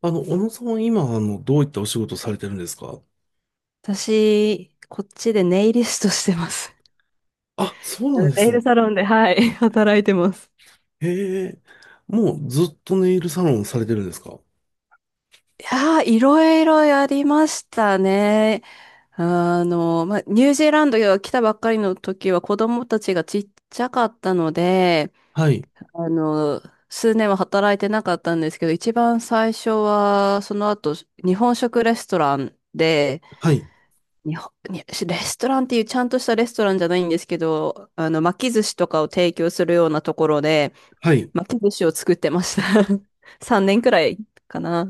小野さんは今、どういったお仕事をされてるんですか？私、こっちでネイリストしてます。あ、そうなんで ネすイルね。サロンで、はい、働いてます。へえ。もうずっとネイルサロンされてるんですか？いやー、いろいろやりましたね。ニュージーランドが来たばっかりの時は子供たちがちっちゃかったので、はい、あの、数年は働いてなかったんですけど、一番最初は、その後、日本食レストランで、はい、日本、にレストランっていうちゃんとしたレストランじゃないんですけど、巻き寿司とかを提供するようなところで、はい。巻き寿司を作ってました。3年くらいかな。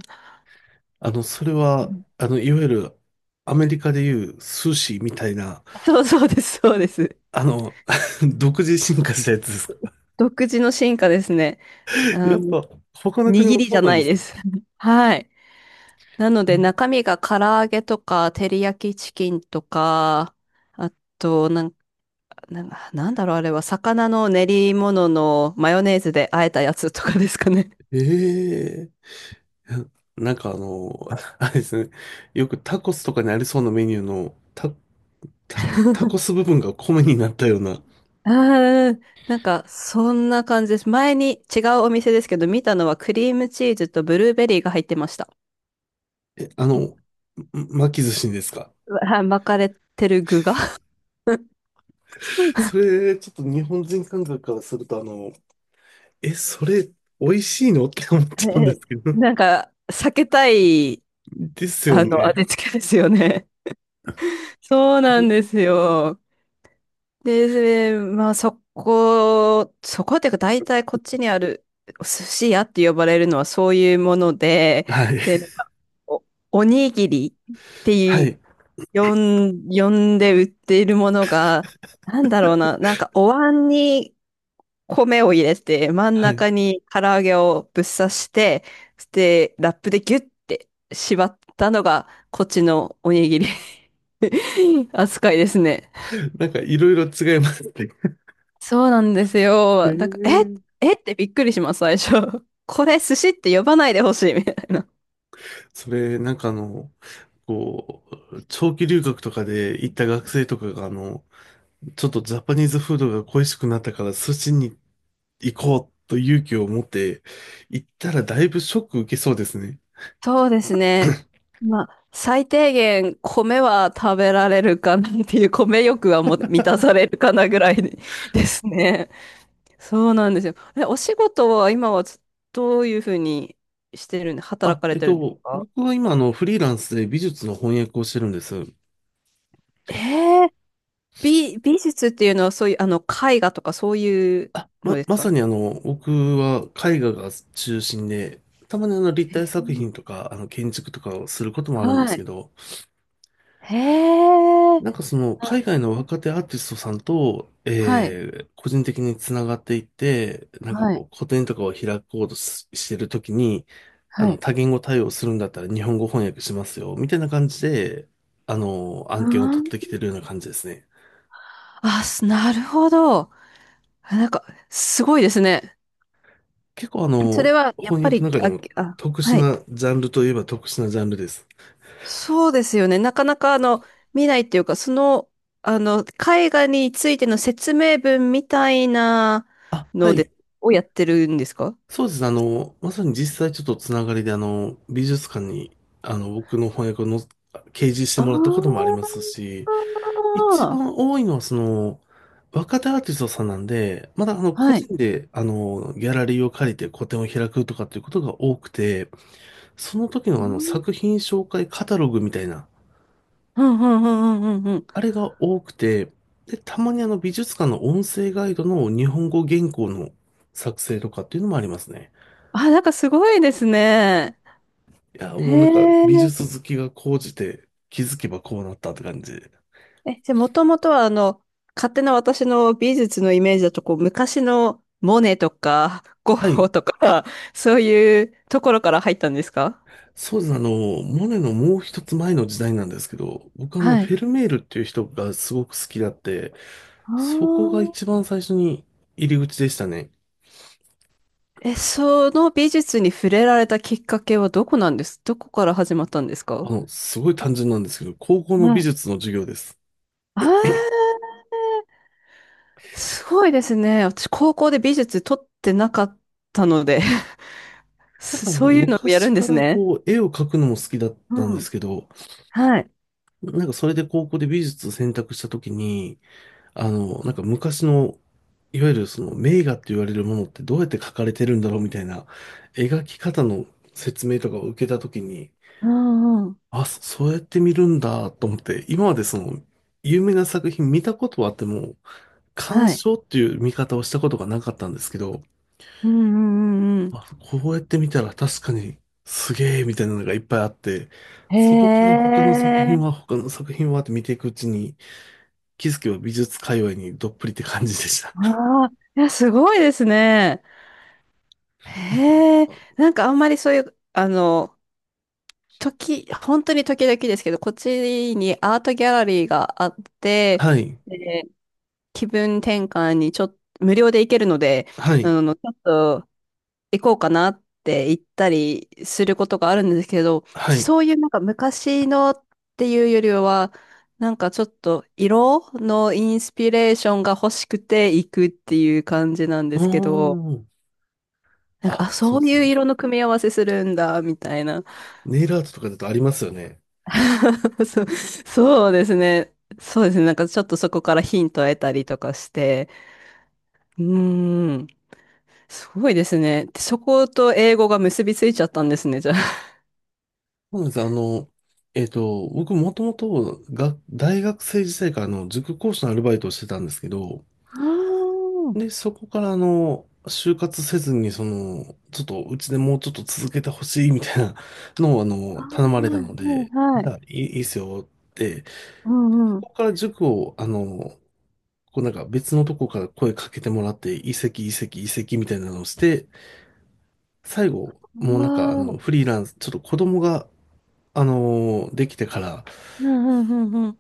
それうは、ん、いわゆる、アメリカでいう寿司みたいな、そうそうです、そうです。あの、独自進化したやつですか？ 独自の進化ですね。あやっの、ぱ、他の国握もりじそゃうなんなでいすでね。す。はい。なので中身が唐揚げとか、照り焼きチキンとか、あと、なん、なんなんだろう、あれは、魚の練り物のマヨネーズで和えたやつとかですかね。ええ。なんかあれですね。よくタコスとかにありそうなメニューの、タコス部分が米になったような。ああ、なんか、そんな感じです。前に違うお店ですけど、見たのはクリームチーズとブルーベリーが入ってました。え、巻き寿司にですか？はい、巻かれてる具が。 えそれ、ちょっと日本人感覚からすると、え、それ、美味しいのって思っちゃうんでーすけど。なんか、避けたい、ですよあの、ね。味付けですよね。そうなんですよ。で、まあそこ、そこっていうか大体こっちにある寿司屋って呼ばれるのはそういうもので、はい。で、お、おにぎりってはいう、い。呼んで売っているものが、なんだろうな、なんかお椀に米を入れて、真んはい。中に唐揚げをぶっ刺して、で、ラップでギュッて縛ったのがこっちのおにぎり 扱いですね。なんか、いろいろ違いますね。そうなんですえよ。だから、ーえってびっくりします、最初。これ寿司って呼ばないでほしい、みたいな。それ、なんかこう、長期留学とかで行った学生とかが、ちょっとジャパニーズフードが恋しくなったから、寿司に行こうと勇気を持って行ったら、だいぶショック受けそうですね。そうですね。まあ、最低限米は食べられるかなっていう、米欲はもう満たされるかなぐらいで ですね。そうなんですよ。お仕事は今はどういうふうにしてるんで、働あ、かれてるんですか？僕は今、フリーランスで美術の翻訳をしてるんです。えー、美術っていうのはそういう、絵画とかそういうのですまさか？に僕は絵画が中心で、たまに立え体作品ー、とか、建築とかをすることもあるんではすけい。ど、へえ。なんかその、あ、海外の若手アーティストさんと、はい、個人的につながっていって、なんかはこい、う、個展とかを開こうとしてるときに、はい。多言語対応するんだったら日本語翻訳しますよ、みたいな感じで、あ案件を取ってきー、てるような感じですね。なるほど。あ、なんか、すごいですね。結構それは、やっ翻ぱ訳り、の中であ、もあ、特殊はい。なジャンルといえば特殊なジャンルです。そうですよね。なかなか、見ないっていうか、絵画についての説明文みたいなあ、はので、い。をやってるんですか？そうですね。まさに実際ちょっとつながりで、美術館に、僕の翻訳をの掲示してあ、もらったこともありあますし、一ー、番多いのはその、若手アーティストさんなんで、まだ個はい。人で、ギャラリーを借りて個展を開くとかっていうことが多くて、その時うのん、作品紹介カタログみたいな、うん、うん、うん、うん。うん、あれが多くて、で、たまにあの美術館の音声ガイドの日本語原稿の作成とかっていうのもありますね。あ、なんかすごいですね。いや、へもうなんか美え。術好きが高じて気づけばこうなったって感じで。え、じゃあ、もともとは、勝手な私の美術のイメージだと、こう、昔のモネとか、ゴはッホい。とか、そういうところから入ったんですか？そうです。モネのもう一つ前の時代なんですけど、僕はい。フェルメールっていう人がすごく好きだって、あそこがー、一番最初に入り口でしたね。え、その美術に触れられたきっかけはどこなんです？どこから始まったんですか？すごい単純なんですけど、高校のは美い。術の授業です。あー、すごいですね。私、高校で美術取ってなかったので、 なんかね、そういうのをや昔るんでかすらね。こう、絵を描くのも好きだったんうですん。けど、はい。なんかそれで高校で美術を選択したときに、なんか昔の、いわゆるその名画って言われるものってどうやって描かれてるんだろうみたいな描き方の説明とかを受けたときに、うんうん。あ、そうやって見るんだと思って、今までその有名な作品見たことはあっても、鑑はい。賞っていう見方をしたことがなかったんですけど、うんうんうん。あ、こうやって見たら確かにすげえみたいなのがいっぱいあって、へそこから他の作え、品は他の作品はって見ていくうちに、気づけば美術界隈にどっぷりって感じでした。ああ、いや、すごいですね。いや、へえ、なんかあんまりそういう、本当に時々ですけど、こっちにアートギャラリーがあって、はい、で、気分転換にちょっと、無料で行けるので、はい、ちょっと行こうかなって言ったりすることがあるんですけど、は私い。そういう昔のっていうよりは、なんかちょっと色のインスピレーションが欲しくて行くっていう感じなんでうーすけど、ん。なんか、あ、あ、そうそでうすいうね。色の組み合わせするんだ、みたいな。ネイルアートとかだとありますよね。そうですね。そうですね。なんかちょっとそこからヒントを得たりとかして、うーん、すごいですね。そこと英語が結びついちゃったんですね、じゃあ。そうなんです。僕もともとが大学生時代からあの塾講師のアルバイトをしてたんですけど、あー、で、そこから就活せずに、その、ちょっとうちでもうちょっと続けてほしいみたいな のをああ、頼まれたはい、ので、はい、じはい。ゃあいいっすよって、うんうこん。こから塾をこうなんか別のとこから声かけてもらって、移籍、移籍、移籍みたいなのをして、最あ後、あ、もううなんかわフー、リーランス、ちょっと子供が、できてから、うんうん。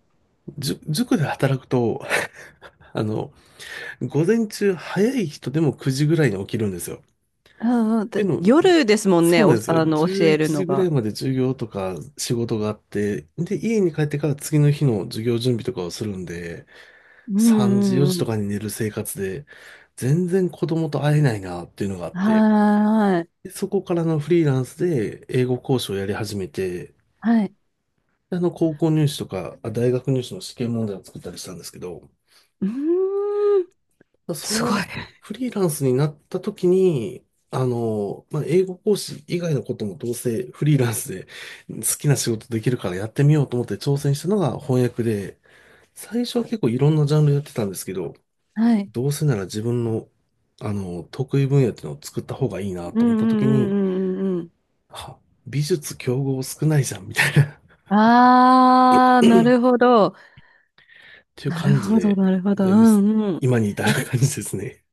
塾で働くと、あの、午前中早い人でも9時ぐらいに起きるんですよ。ああ、っていうでのも、夜ですもんそね、うなんお、ですよ。教11える時のぐらいが。まで授業とか仕事があって、で、家に帰ってから次の日の授業準備とかをするんで、3時、4時とかに寝る生活で、全然子供と会えないなっていうのがあって、でそこからのフリーランスで英語講師をやり始めて、で高校入試とか、大学入試の試験問題を作ったりしたんですけど、まあそのフリーランスになった時に、まあ、英語講師以外のこともどうせフリーランスで好きな仕事できるからやってみようと思って挑戦したのが翻訳で、最初は結構いろんなジャンルやってたんですけど、どうせなら自分の、得意分野っていうのを作った方がいうんうんうん、はーい、はい、うーん、すごい、はい、うんうんうんういなと思った時に、んうんうん。あ、美術競合少ないじゃんみたいなああ、なるほど。っていうなる感じほど、で、なるほど。ううん、んうん。今に至るあ、感じですね。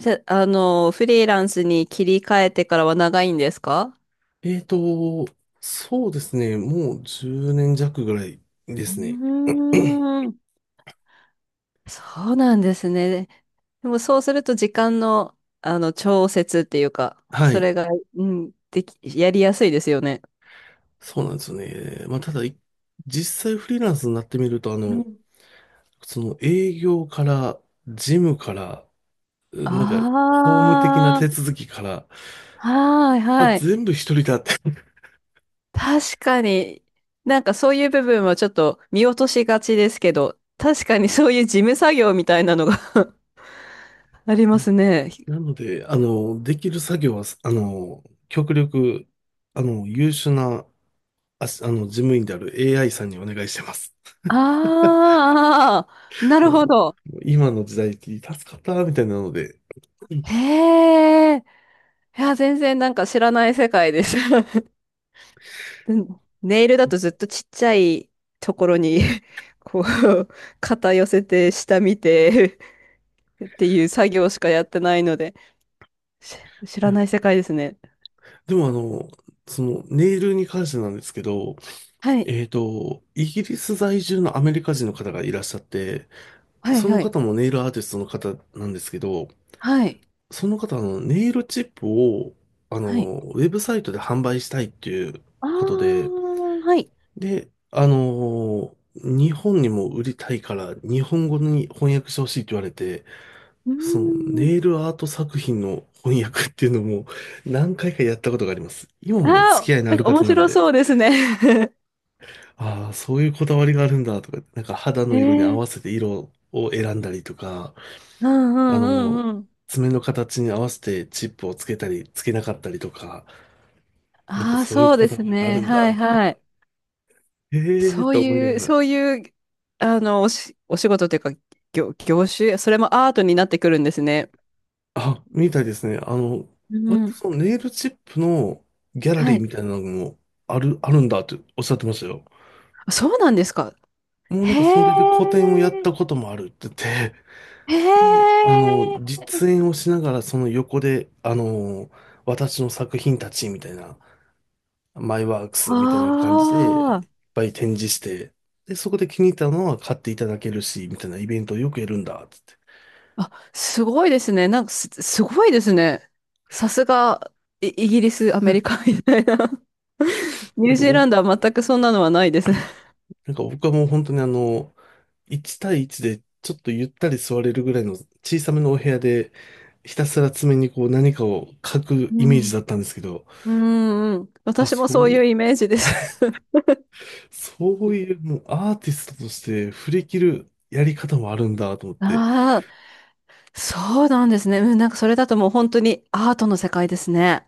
じゃ、フリーランスに切り替えてからは長いんですか？えーと、そうですね。もう10年弱ぐらいでうすね。ーん。そうなんですね。でもそうすると時間の、調節っていうか、はそい。れが、うん、やりやすいですよね。そうなんですよね。まあ、ただ、実際フリーランスになってみると、うん。その営業から、事務から、うんなんか、法務的なあ手あ、続きから、はいあ、はい。全部一人だって。確かに、なんかそういう部分はちょっと見落としがちですけど、確かにそういう事務作業みたいなのが ありうまんすね。なので、できる作業は、極力、優秀なあし、あの、事務員である AI さんにお願いしてます。ああ、な もるほど。う、もう今の時代って助かったみたいなので。うん。へえ。いや、全然なんか知らない世界です。うん、ネイルだとずっとちっちゃいところに、 こう、肩寄せて、下見て、 っていう作業しかやってないので、し知いらや、ない世界ですね。でもそのネイルに関してなんですけど、はい。イギリス在住のアメリカ人の方がいらっしゃって、はい、そのはい。方もネイルアーティストの方なんですけど、はい。その方はあのネイルチップを、はい。ウェブサイトで販売したいっていうあことで、ー、はい。で、日本にも売りたいから、日本語に翻訳してほしいって言われて、うーそのん。ネイルアート作品の翻訳っていうのも何回かやったことがあります。今もね、付あー、き合いのあなんるか方面なん白で、そうですね。ああ、そういうこだわりがあるんだとか、なんか肌えの色に合ー、わせて色を選んだりとか、うんうあんの、うんうん。爪の形に合わせてチップをつけたり、つけなかったりとか、なんかああ、そういうそうこでだすわりがあね。るんだ、はい、みたいな。はい。ええー、そうと思いないう、がら。そういう、お仕事というか、業種、それもアートになってくるんですね。あ、みたいですね。う割とん。そのネイルチップのギャラリはーい。みたいなのもあるんだっておっしゃってましたよ。あ、そうなんですか。もうなんへかそれで個展をえ、やったこともあるって言って、で、へえ、実演をしながらその横で、私の作品たちみたいな、マイワークスみたいな感じでいっあぱい展示して、で、そこで気に入ったのは買っていただけるし、みたいなイベントをよくやるんだって言あ、あ、すごいですね。すごいですね。さすが、イギリス、アメリカみたいな。って。ニュージーランドは全くそんなのはないです。なんか僕はもう本当に1対1でちょっとゆったり座れるぐらいの小さめのお部屋で、ひたすら爪にこう何かを書くうイメーん。ジだったんですけど、うんうん、あ、私もそそういう、うイメージです。そういうもうアーティストとして振り切るやり方もあるんだと思って、ああ、そうなんですね。うん、なんかそれだともう本当にアートの世界ですね。